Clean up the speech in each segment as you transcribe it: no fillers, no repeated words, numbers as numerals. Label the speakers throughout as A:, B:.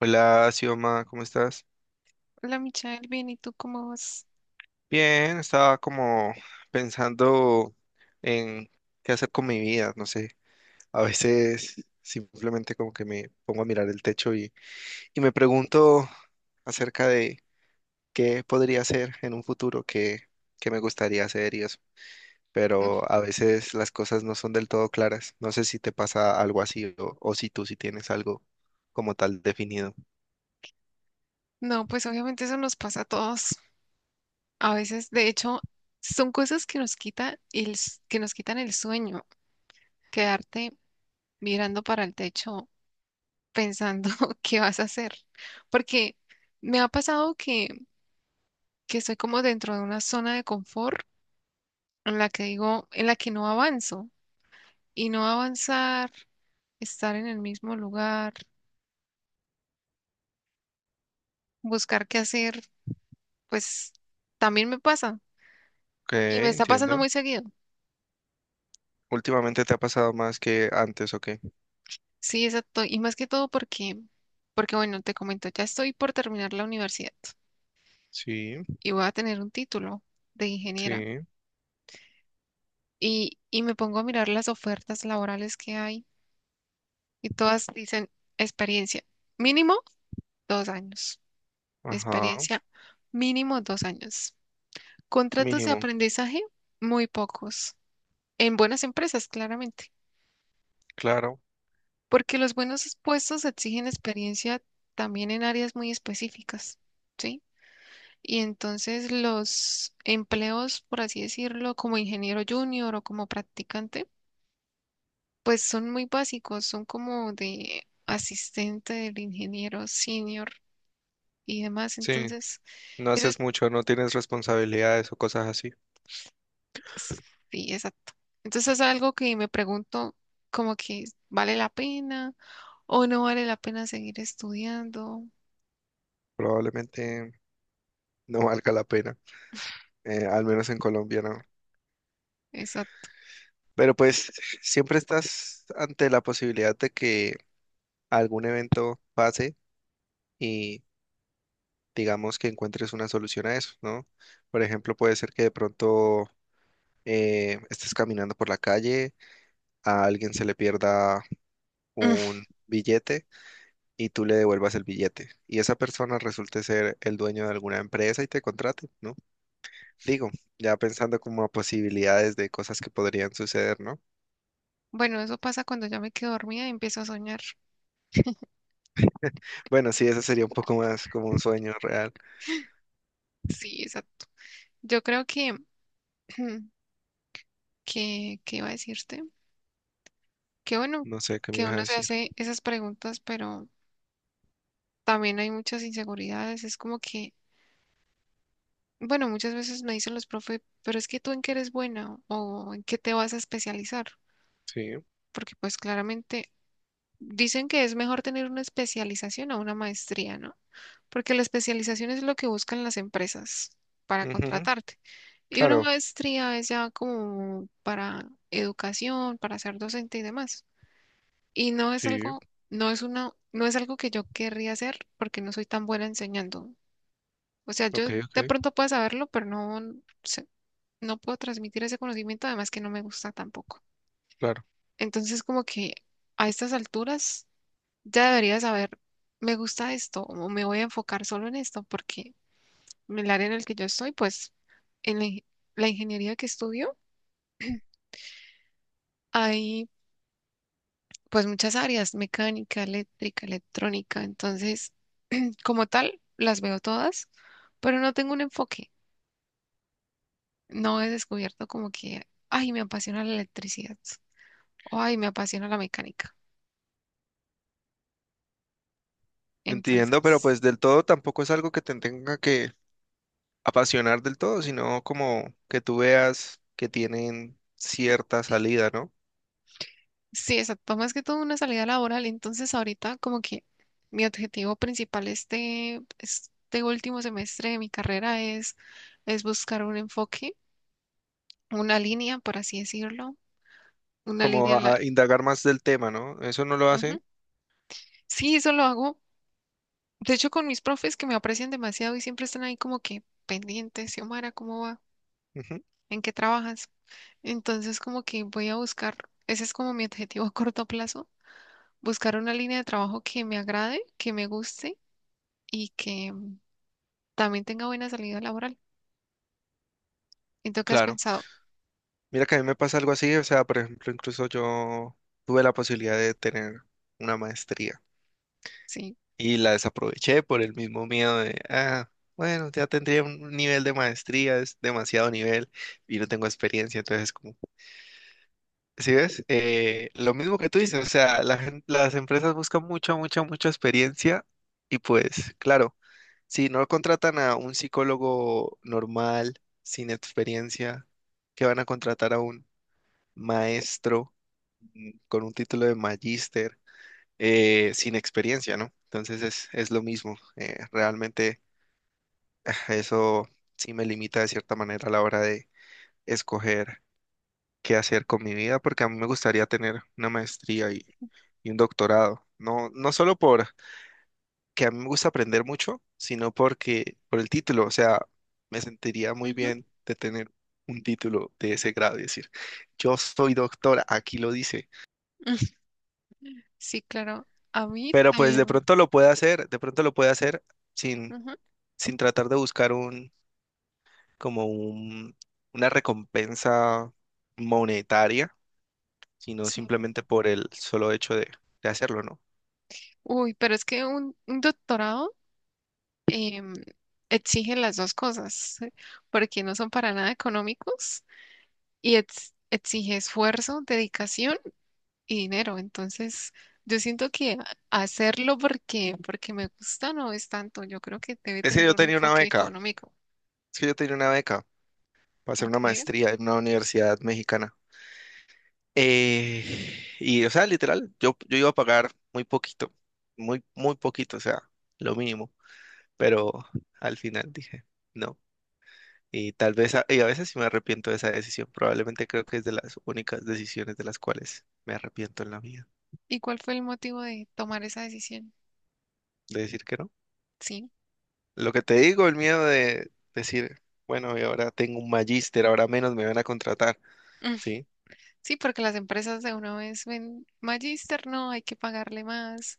A: Hola, Sioma, ¿cómo estás?
B: Hola Michael, bien, ¿y tú cómo vas?
A: Bien, estaba como pensando en qué hacer con mi vida, no sé. A veces simplemente como que me pongo a mirar el techo y me pregunto acerca de qué podría hacer en un futuro, qué me gustaría hacer y eso.
B: Mm,
A: Pero a veces las cosas no son del todo claras. No sé si te pasa algo así o si tú sí tienes algo como tal definido.
B: No, pues obviamente eso nos pasa a todos. A veces, de hecho, son cosas que nos quita el, s- que nos quitan el sueño, quedarte mirando para el techo pensando qué vas a hacer. Porque me ha pasado que estoy como dentro de una zona de confort en la que no avanzo. Y no avanzar, estar en el mismo lugar, buscar qué hacer, pues también me pasa.
A: Ok,
B: Y me está pasando
A: entiendo.
B: muy seguido.
A: ¿Últimamente te ha pasado más que antes o qué?
B: Sí, exacto. Y más que todo porque bueno, te comento, ya estoy por terminar la universidad
A: Sí,
B: y voy a tener un título de ingeniera.
A: sí.
B: Y me pongo a mirar las ofertas laborales que hay y todas dicen experiencia mínimo 2 años.
A: Ajá,
B: Experiencia mínimo dos años. Contratos de
A: mínimo,
B: aprendizaje muy pocos. En buenas empresas, claramente.
A: claro,
B: Porque los buenos puestos exigen experiencia también en áreas muy específicas. ¿Sí? Y entonces los empleos, por así decirlo, como ingeniero junior o como practicante, pues son muy básicos, son como de asistente del ingeniero senior y demás.
A: sí,
B: Entonces,
A: no
B: eso
A: haces
B: es,
A: mucho, no tienes responsabilidades o cosas así,
B: sí, exacto. Entonces es algo que me pregunto como que vale la pena o no vale la pena seguir estudiando.
A: probablemente no valga la pena, al menos en Colombia no.
B: Exacto.
A: Pero pues siempre estás ante la posibilidad de que algún evento pase y digamos que encuentres una solución a eso, ¿no? Por ejemplo, puede ser que de pronto estés caminando por la calle, a alguien se le pierda un billete y tú le devuelvas el billete. Y esa persona resulte ser el dueño de alguna empresa y te contrate, ¿no? Digo, ya pensando como a posibilidades de cosas que podrían suceder, ¿no?
B: Bueno, eso pasa cuando ya me quedo dormida y empiezo a soñar.
A: Bueno, sí, eso sería un poco más como un sueño real.
B: Sí, exacto. Yo creo que, ¿Qué iba a decirte? Qué bueno
A: No sé qué me
B: que
A: ibas a
B: uno se
A: decir.
B: hace esas preguntas, pero también hay muchas inseguridades. Es como que, bueno, muchas veces me dicen los profes, pero es que tú en qué eres buena o en qué te vas a especializar,
A: Sí.
B: porque pues claramente dicen que es mejor tener una especialización a una maestría, ¿no? Porque la especialización es lo que buscan las empresas para
A: Ujú.
B: contratarte. Y una
A: Claro.
B: maestría es ya como para educación, para ser docente y demás. Y
A: Sí.
B: no es algo que yo querría hacer porque no soy tan buena enseñando. O sea,
A: Ok,
B: yo de
A: ok.
B: pronto puedo saberlo, pero sé- no puedo transmitir ese conocimiento, además que no me gusta tampoco.
A: Claro.
B: Entonces, como que a estas alturas ya debería saber, me gusta esto o me voy a enfocar solo en esto porque en el área en el que yo estoy, pues en la, ing- la ingeniería que estudio, hay pues muchas áreas, mecánica, eléctrica, electrónica. Entonces, como tal, las veo todas, pero no tengo un enfoque. No he descubierto como que, ay, me apasiona la electricidad o ay, me apasiona la mecánica.
A: Entiendo, pero
B: Entonces,
A: pues del todo tampoco es algo que te tenga que apasionar del todo, sino como que tú veas que tienen cierta salida, ¿no?
B: sí, exacto, más que todo una salida laboral. Entonces, ahorita como que mi objetivo principal este último semestre de mi carrera es, buscar un enfoque, una línea, por así decirlo, una
A: Como
B: línea en
A: a
B: la...
A: a indagar más del tema, ¿no? ¿Eso no lo
B: Ujú.
A: hacen?
B: Sí, eso lo hago. De hecho, con mis profes que me aprecian demasiado y siempre están ahí como que pendientes, Xiomara, ¿cómo va? ¿En qué trabajas? Entonces, como que voy a buscar, ese es como mi objetivo a corto plazo, buscar una línea de trabajo que me agrade, que me guste y que también tenga buena salida laboral. ¿Y tú qué has
A: Claro.
B: pensado?
A: Mira que a mí me pasa algo así, o sea, por ejemplo, incluso yo tuve la posibilidad de tener una maestría
B: Sí.
A: y la desaproveché por el mismo miedo de, ah, bueno, ya tendría un nivel de maestría, es demasiado nivel y no tengo experiencia, entonces como, ¿sí ves? Lo mismo que tú dices, o sea, las empresas buscan mucha, mucha, mucha experiencia y pues, claro, si no contratan a un psicólogo normal, sin experiencia, ¿qué van a contratar a un maestro con un título de magíster sin experiencia, ¿no? Entonces es lo mismo. Realmente ah, eso sí me limita de cierta manera a la hora de escoger qué hacer con mi vida, porque a mí me gustaría tener una maestría y un doctorado. No, no solo por que a mí me gusta aprender mucho, sino porque por el título, o sea, me sentiría muy
B: Ujú.
A: bien de tener un título de ese grado y decir, yo soy doctora, aquí lo dice.
B: Sí, claro. A mí
A: Pero pues de
B: también.
A: pronto lo puede hacer, de pronto lo puede hacer sin,
B: Ujú.
A: sin tratar de buscar un, como un, una recompensa monetaria, sino
B: Sí.
A: simplemente por el solo hecho de hacerlo, ¿no?
B: Uy, pero es que un doctorado em, exige las dos cosas, porque no son para nada económicos y exige esfuerzo, dedicación y dinero. Entonces, yo siento que hacerlo porque me gusta no es tanto. Yo creo que debe
A: Es que
B: tener
A: yo
B: un
A: tenía una
B: enfoque
A: beca,
B: económico.
A: es que yo tenía una beca para hacer una
B: ¿Ok?
A: maestría en una universidad mexicana. Y, o sea, literal, yo iba a pagar muy poquito, muy, muy poquito, o sea, lo mínimo, pero al final dije, no. Y tal vez, y a veces sí me arrepiento de esa decisión. Probablemente creo que es de las únicas decisiones de las cuales me arrepiento en la vida,
B: ¿Y cuál fue el motivo de tomar esa decisión?
A: de decir que no.
B: Sí.
A: Lo que te digo, el miedo de decir, bueno, y ahora tengo un magíster, ahora menos me van a contratar,
B: Mm,
A: ¿sí?
B: Sí, porque las empresas de una vez ven magíster, no, hay que pagarle más.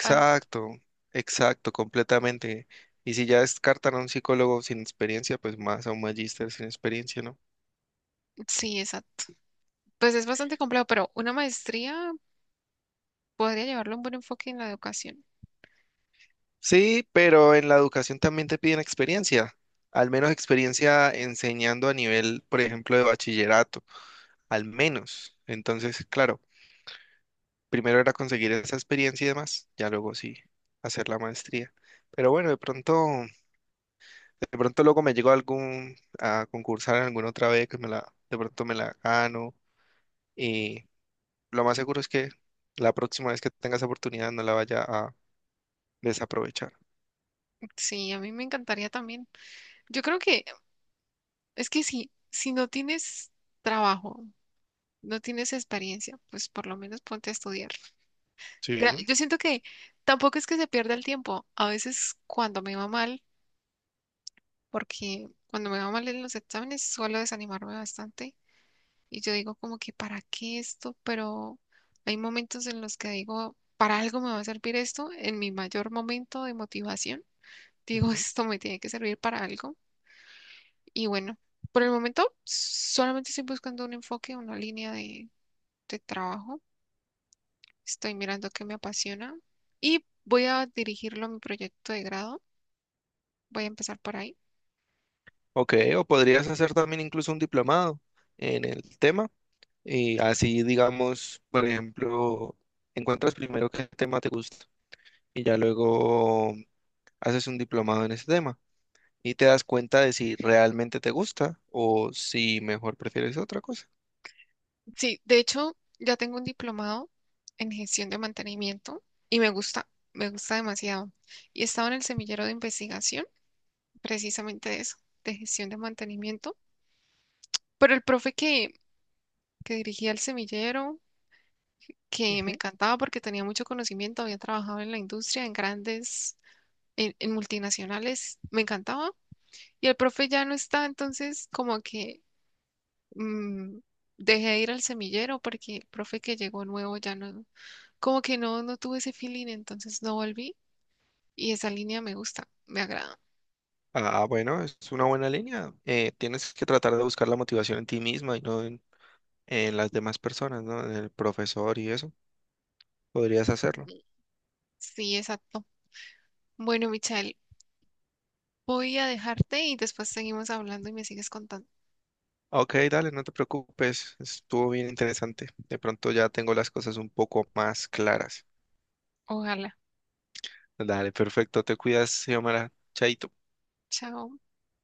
B: pa-
A: exacto, completamente. Y si ya descartan a un psicólogo sin experiencia, pues más a un magíster sin experiencia, ¿no?
B: Sí, exacto. Pues es bastante complejo, pero una maestría podría llevarle un buen enfoque en la educación.
A: Sí, pero en la educación también te piden experiencia, al menos experiencia enseñando a nivel, por ejemplo, de bachillerato, al menos. Entonces, claro, primero era conseguir esa experiencia y demás, ya luego sí, hacer la maestría. Pero bueno, de pronto luego me llegó algún a concursar en alguna otra vez que me la, de pronto me la gano y lo más seguro es que la próxima vez que tengas oportunidad no la vaya a desaprovechar.
B: Sí, a mí me encantaría también. Yo creo que Es que si no tienes trabajo, no tienes experiencia, pues por lo menos ponte a estudiar. Mira,
A: Sí.
B: yo siento que tampoco es que se pierda el tiempo. A veces cuando me va mal, porque cuando me va mal en los exámenes suelo desanimarme bastante y yo digo como que ¿para qué esto? Pero hay momentos en los que digo, ¿para algo me va a servir esto? En mi mayor momento de motivación, digo, esto me tiene que servir para algo. Y bueno, por el momento solamente estoy buscando un enfoque, una línea de trabajo. Estoy mirando qué me apasiona y voy a dirigirlo a mi proyecto de grado. Voy a empezar por ahí.
A: Ok, o podrías hacer también incluso un diplomado en el tema y así, digamos, por ejemplo, encuentras primero qué tema te gusta y ya luego haces un diplomado en ese tema y te das cuenta de si realmente te gusta o si mejor prefieres otra cosa.
B: Sí, de hecho, ya tengo un diplomado en gestión de mantenimiento y me gusta demasiado. Y estaba en el semillero de investigación, precisamente de eso, de gestión de mantenimiento. Pero el profe que dirigía el semillero, que me
A: Ujú.
B: encantaba porque tenía mucho conocimiento, había trabajado en la industria, en multinacionales, me encantaba. Y el profe ya no está, entonces como que mm, dejé de ir al semillero porque el profe que llegó nuevo ya no, como que no, no tuve ese feeling, entonces no volví. Y esa línea me gusta, me agrada.
A: Ah, bueno, es una buena línea. Tienes que tratar de buscar la motivación en ti misma y no en, en las demás personas, ¿no? En el profesor y eso. Podrías hacerlo.
B: Sí, exacto. Bueno, Michelle, voy a dejarte y después seguimos hablando y me sigues contando.
A: Ok, dale, no te preocupes, estuvo bien interesante. De pronto ya tengo las cosas un poco más claras.
B: Ojalá.
A: Dale, perfecto, te cuidas, Xiomara. Chaito.
B: Chao.